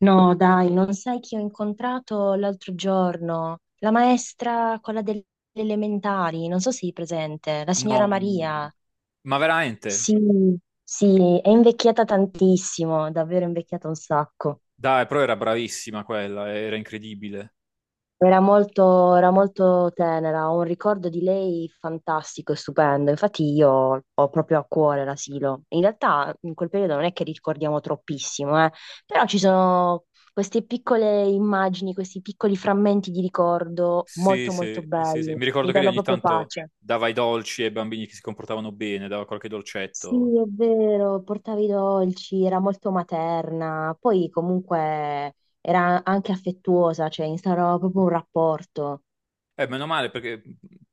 No, dai, non sai chi ho incontrato l'altro giorno? La maestra, quella delle elementari, non so se sei presente, la signora No, Maria. ma veramente? Sì, sì, è invecchiata tantissimo, davvero invecchiata un sacco. Dai, però era bravissima quella, era incredibile. Era molto tenera, ho un ricordo di lei fantastico e stupendo. Infatti io ho proprio a cuore l'asilo. In realtà in quel periodo non è che ricordiamo troppissimo, però ci sono queste piccole immagini, questi piccoli frammenti di ricordo Sì, molto sì, molto sì, sì. belli. Mi Mi ricordo che lei danno ogni proprio tanto pace. dava i dolci ai bambini che si comportavano bene, dava qualche Sì, dolcetto. è vero, portava i dolci, era molto materna, poi comunque era anche affettuosa, cioè instaurava proprio un rapporto. Meno male perché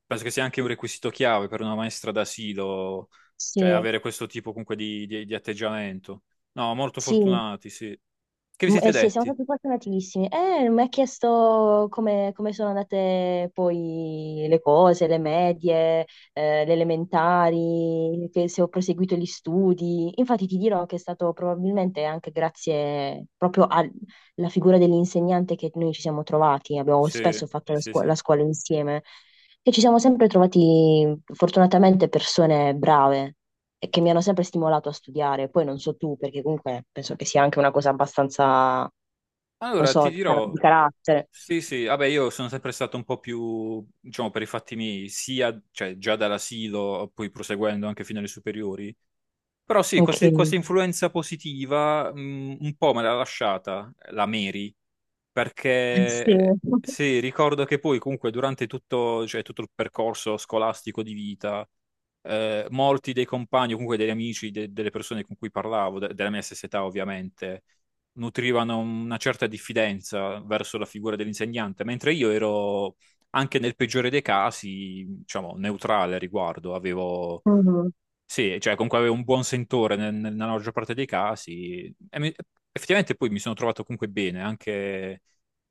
penso che sia anche un requisito chiave per una maestra d'asilo, cioè Sì, avere questo tipo comunque di, di atteggiamento. No, molto sì. fortunati, sì. Che vi Mm, siete sì, siamo detti? stati fortunatissimi. Mi ha chiesto come sono andate poi le cose, le medie, le elementari, che se ho proseguito gli studi. Infatti ti dirò che è stato probabilmente anche grazie proprio alla figura dell'insegnante che noi ci siamo trovati. Abbiamo Sì, spesso fatto sì, sì. la scuola insieme e ci siamo sempre trovati fortunatamente persone brave e che mi hanno sempre stimolato a studiare. Poi non so tu, perché comunque penso che sia anche una cosa abbastanza, non Allora, so, ti di dirò, carattere. sì, sì, vabbè, io sono sempre stato un po' più, diciamo, per i fatti miei, sia, cioè, già dall'asilo, poi proseguendo anche fino alle superiori. Però sì, Ok. Questa influenza positiva, un po' me l'ha lasciata la Mary, Sì. perché sì, ricordo che poi comunque durante tutto, cioè, tutto il percorso scolastico di vita, molti dei compagni, o comunque degli amici, delle persone con cui parlavo, della mia stessa età ovviamente, nutrivano una certa diffidenza verso la figura dell'insegnante, mentre io ero anche nel peggiore dei casi, diciamo, neutrale a riguardo, avevo Mhm. sì, cioè comunque avevo un buon sentore nella maggior parte dei casi. Effettivamente poi mi sono trovato comunque bene, anche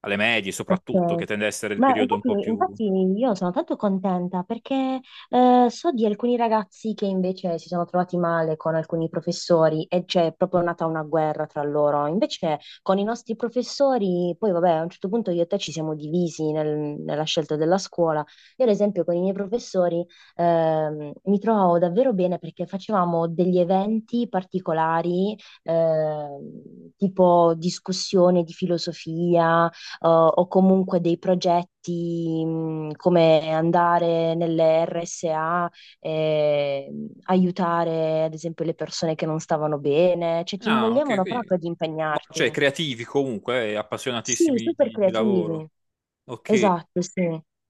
alle medie soprattutto, Ok, che tende a essere il ma periodo un infatti, po' più... infatti io sono tanto contenta perché so di alcuni ragazzi che invece si sono trovati male con alcuni professori e c'è proprio nata una guerra tra loro. Invece con i nostri professori, poi vabbè, a un certo punto io e te ci siamo divisi nella scelta della scuola. Io ad esempio con i miei professori, mi trovavo davvero bene perché facevamo degli eventi particolari, tipo discussione di filosofia, o comunque dei progetti, come andare nelle RSA e aiutare ad esempio le persone che non stavano bene, cioè ti No, ok, invogliavano proprio ad cioè impegnarti. creativi comunque, e Sì, appassionatissimi super di creativi. lavoro. Ok. Esatto, sì.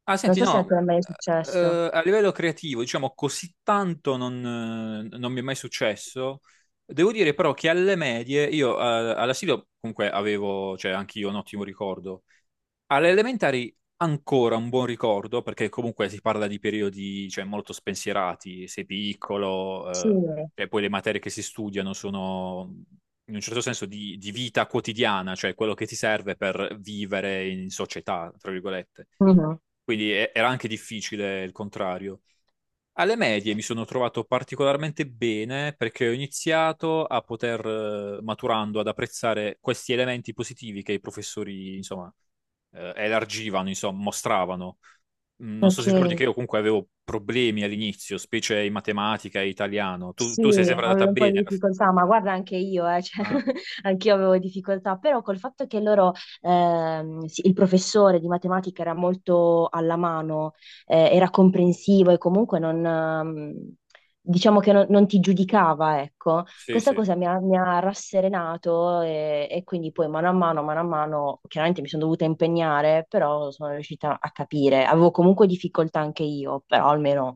Ah, Non senti, so se a no, te è mai successo. A livello creativo, diciamo, così tanto non, non mi è mai successo. Devo dire però che alle medie, io all'asilo comunque avevo, cioè anche io un ottimo ricordo. Alle elementari ancora un buon ricordo, perché comunque si parla di periodi, cioè, molto spensierati, sei Sì. piccolo, e poi le materie che si studiano sono in un certo senso di vita quotidiana, cioè quello che ti serve per vivere in società, tra virgolette. Mhm. Quindi era anche difficile il contrario. Alle medie mi sono trovato particolarmente bene perché ho iniziato a poter, maturando, ad apprezzare questi elementi positivi che i professori, insomma, elargivano, insomma, mostravano. Non so Ok. se ricordi che io comunque avevo problemi all'inizio, specie in matematica e italiano. Tu, Sì, tu sei sempre andata avevo un po' di bene alla fine. difficoltà, ma guarda anche io, cioè, Ah, anch'io avevo difficoltà, però col fatto che loro, sì, il professore di matematica era molto alla mano, era comprensivo e comunque non, diciamo che non ti giudicava, ecco, sì, questa sì. cosa mi ha rasserenato, e quindi poi mano a mano, chiaramente mi sono dovuta impegnare, però sono riuscita a capire, avevo comunque difficoltà anche io, però almeno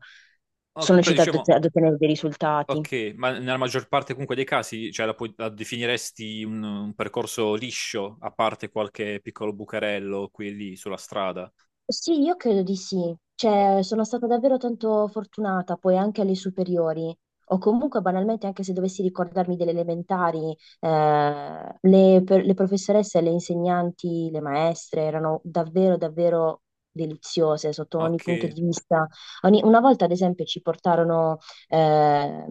Ok, sono però riuscita diciamo, ad ottenere dei risultati. ok, ma nella maggior parte comunque dei casi, cioè, la, la definiresti un percorso liscio, a parte qualche piccolo bucarello qui e lì sulla strada. Sì, io credo di sì. O- Cioè, sono stata davvero tanto fortunata poi anche alle superiori. O comunque, banalmente, anche se dovessi ricordarmi delle elementari, le professoresse, le insegnanti, le maestre erano davvero, davvero deliziose sotto ogni punto Ok. di vista. Una volta, ad esempio, ci portarono, ehm,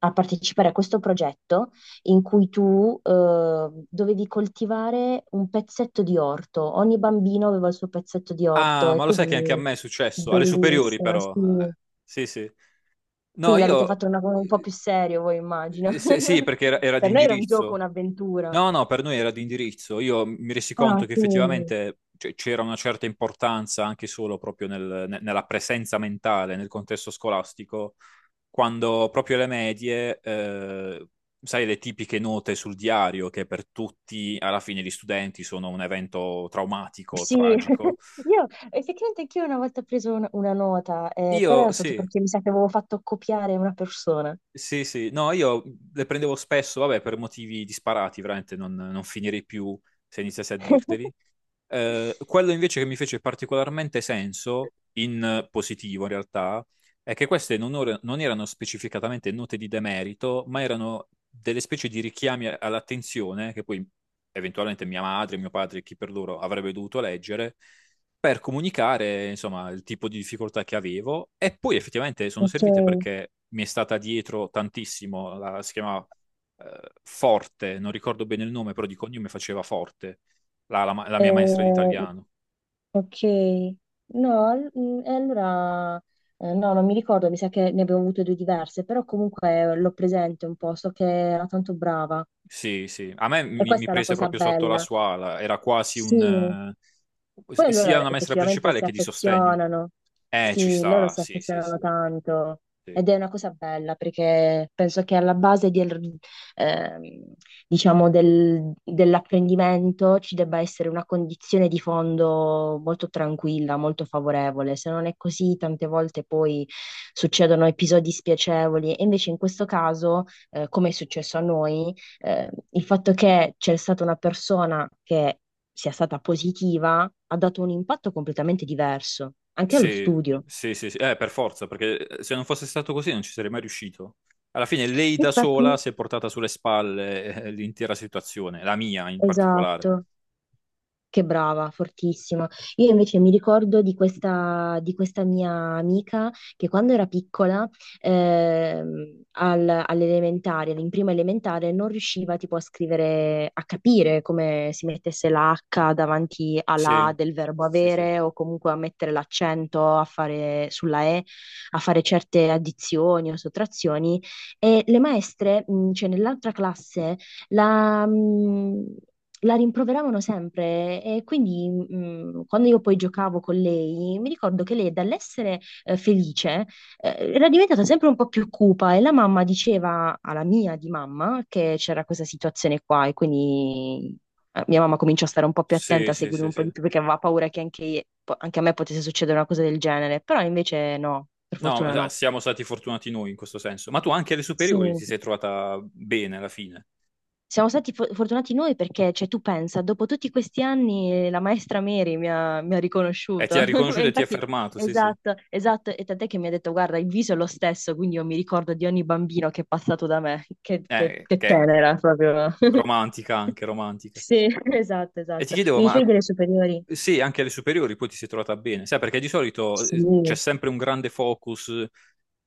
a partecipare a questo progetto in cui tu, dovevi coltivare un pezzetto di orto. Ogni bambino aveva il suo pezzetto di Ah, orto e ma lo sai che anche a quindi me è successo, alle superiori bellissimo, però. sì. Sì, sì. No, Quindi l'avete io... fatto un po' eh, più serio, voi immagino. Sì, sì, perché era, era di Per noi era un gioco, indirizzo. un'avventura. No, no, per noi era di indirizzo. Io mi resi Ah, conto che sì. effettivamente cioè, c'era una certa importanza anche solo proprio nella presenza mentale, nel contesto scolastico, quando proprio le medie, sai, le tipiche note sul diario, che per tutti, alla fine, gli studenti sono un evento traumatico, Sì, tragico. io effettivamente anch'io una volta ho preso una nota, però Io era stato sì. perché mi sa che avevo fatto copiare una persona. Sì, sì, no, io le prendevo spesso, vabbè, per motivi disparati, veramente non, non finirei più se iniziassi a dirteli. Quello invece che mi fece particolarmente senso, in positivo in realtà, è che queste non, non erano specificatamente note di demerito, ma erano delle specie di richiami all'attenzione che poi eventualmente mia madre, mio padre, chi per loro avrebbe dovuto leggere per comunicare, insomma, il tipo di difficoltà che avevo e poi effettivamente sono Ok, servite perché mi è stata dietro tantissimo, la, si chiamava Forte, non ricordo bene il nome, però di cognome faceva Forte la, la mia maestra di eh, italiano. Ok. No, e allora, no, non mi ricordo, mi sa che ne abbiamo avute due diverse, però comunque l'ho presente un po', so che era tanto brava Sì, sì. A me e mi questa è la prese cosa proprio sotto la bella. sua ala. Era quasi un... Sì, poi sia loro una maestra effettivamente principale si che di sostegno. affezionano, Ci sì, loro sta. si Sì, sì, affezionano sì. tanto Sì, ed è una cosa bella perché penso che alla base del, ehm, diciamo dell'apprendimento ci debba essere una condizione di fondo molto tranquilla, molto favorevole. Se non è così, tante volte poi succedono episodi spiacevoli e invece in questo caso, come è successo a noi, il fatto che c'è stata una persona che sia stata positiva, ha dato un impatto completamente diverso anche allo sì, studio. sì, sì, sì. Per forza, perché se non fosse stato così non ci sarei mai riuscito. Alla fine lei da sola Infatti, si è portata sulle spalle l'intera situazione, la mia in particolare. esatto, che brava, fortissima. Io invece mi ricordo di di questa mia amica che quando era piccola, all'elementare, in prima elementare, non riusciva tipo a scrivere, a capire come si mettesse la H davanti alla Sì, A del verbo sì, sì. avere o comunque a mettere l'accento a fare, sulla E, a fare certe addizioni o sottrazioni. E le maestre, cioè nell'altra classe, la, la rimproveravano sempre, e quindi quando io poi giocavo con lei, mi ricordo che lei dall'essere, felice, era diventata sempre un po' più cupa, e la mamma diceva alla mia di mamma che c'era questa situazione qua, e quindi mia mamma cominciò a stare un po' più Sì, attenta, a sì, seguire sì, un po' sì. di più perché aveva paura che anche a me potesse succedere una cosa del genere, però invece no, per No, fortuna no. siamo stati fortunati noi in questo senso. Ma tu anche alle Sì. superiori ti sei trovata bene alla fine. Siamo stati fortunati noi perché, cioè, tu pensa, dopo tutti questi anni, la maestra Mary mi ha E ti riconosciuto. ha E riconosciuto e ti ha infatti, fermato, sì, sì. esatto, esatto. E tant'è che mi ha detto, guarda, il viso è lo stesso, quindi io mi ricordo di ogni bambino che è passato da me. Che, che- che Che è tenera, proprio. romantica anche, romantica. Sì, esatto, E ti esatto. chiedevo, Mi dicevi ma delle superiori? sì, anche alle superiori poi ti sei trovata bene. Sai, perché di solito Sì, c'è sempre un grande focus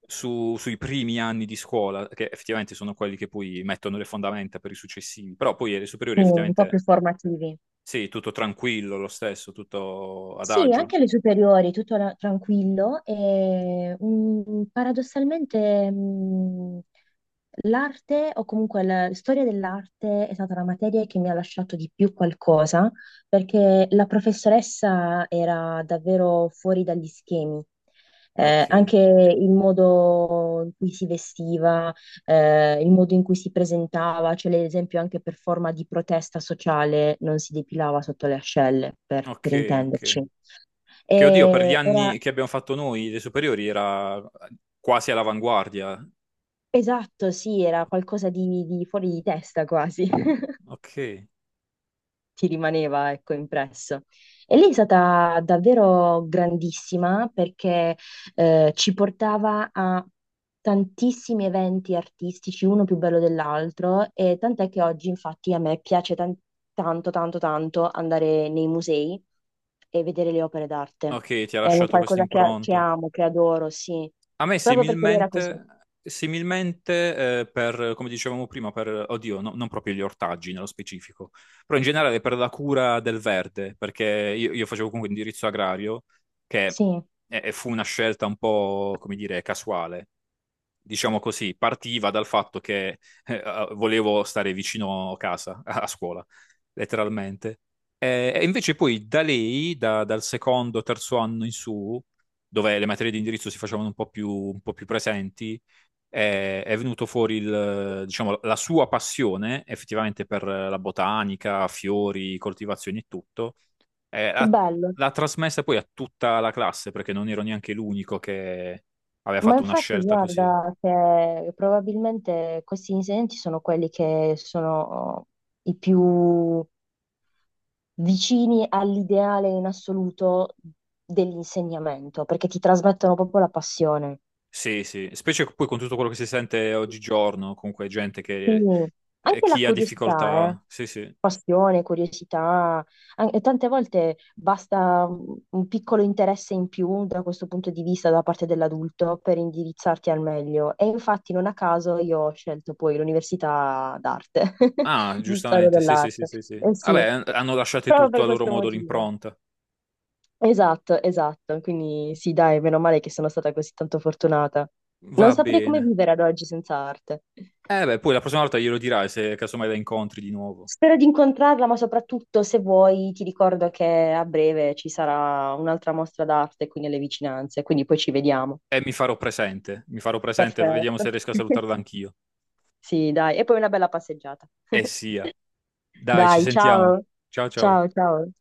sui primi anni di scuola, che effettivamente sono quelli che poi mettono le fondamenta per i successivi. Però poi alle superiori sì, un po' più effettivamente, formativi. sì, tutto tranquillo lo stesso, tutto Sì, adagio. anche le superiori, tutto tranquillo e, paradossalmente, l'arte o comunque la storia dell'arte è stata la materia che mi ha lasciato di più qualcosa, perché la professoressa era davvero fuori dagli schemi. Eh, Ok, anche il modo in cui si vestiva, il modo in cui si presentava, cioè ad esempio anche per forma di protesta sociale non si depilava sotto le ascelle, per ok, ok. intenderci. Che oddio, per gli E era, anni che abbiamo fatto noi, le superiori, era quasi all'avanguardia. esatto, sì, era qualcosa di fuori di testa quasi. Ok, Ti rimaneva, ecco, impresso. E lei è stata davvero grandissima perché ci portava a tantissimi eventi artistici, uno più bello dell'altro, e tant'è che oggi, infatti, a me piace tanto, tanto, tanto andare nei musei e vedere le opere d'arte. ok, ti ha È un lasciato questa qualcosa che impronta. amo, che adoro, sì. A me Proprio perché lei era così. similmente, similmente per, come dicevamo prima, per, oddio, non proprio gli ortaggi nello specifico, però in generale per la cura del verde, perché io facevo comunque indirizzo agrario, che Sì, fu una scelta un po', come dire, casuale. Diciamo così, partiva dal fatto che volevo stare vicino casa, a scuola, letteralmente. E invece poi da lei, dal secondo, terzo anno in su, dove le materie di indirizzo si facevano un po' più presenti, è venuto fuori il, diciamo, la sua passione effettivamente per la botanica, fiori, coltivazioni e tutto. Eh, che l'ha, bello. L'ha trasmessa poi a tutta la classe, perché non ero neanche l'unico che aveva Ma fatto una infatti scelta così. guarda che probabilmente questi insegnanti sono quelli che sono i più vicini all'ideale in assoluto dell'insegnamento, perché ti trasmettono proprio la passione. Sì, sì, specie poi con tutto quello che si sente oggigiorno, comunque gente che Quindi anche la chi ha curiosità, eh. difficoltà. Sì, sì. Passione, curiosità, e tante volte basta un piccolo interesse in più da questo punto di vista da parte dell'adulto per indirizzarti al meglio. E infatti non a caso io ho scelto poi l'università d'arte, Ah, di storia giustamente, sì, sì, sì, dell'arte. sì, sì. Eh sì, Vabbè, hanno lasciato proprio tutto per a loro questo modo motivo. l'impronta. Esatto, esatto. Quindi sì, dai, meno male che sono stata così tanto fortunata. Non Va saprei come bene. vivere ad oggi senza arte. Eh beh, poi la prossima volta glielo dirai se casomai la incontri di nuovo. Spero di incontrarla, ma soprattutto se vuoi ti ricordo che a breve ci sarà un'altra mostra d'arte qui nelle vicinanze, quindi poi ci vediamo. E mi farò presente, vediamo Perfetto. se riesco a salutarla anch'io. Sì, dai, e poi una bella passeggiata. E sia. Dai, ci Dai, sentiamo. ciao. Ciao ciao. Ciao, ciao.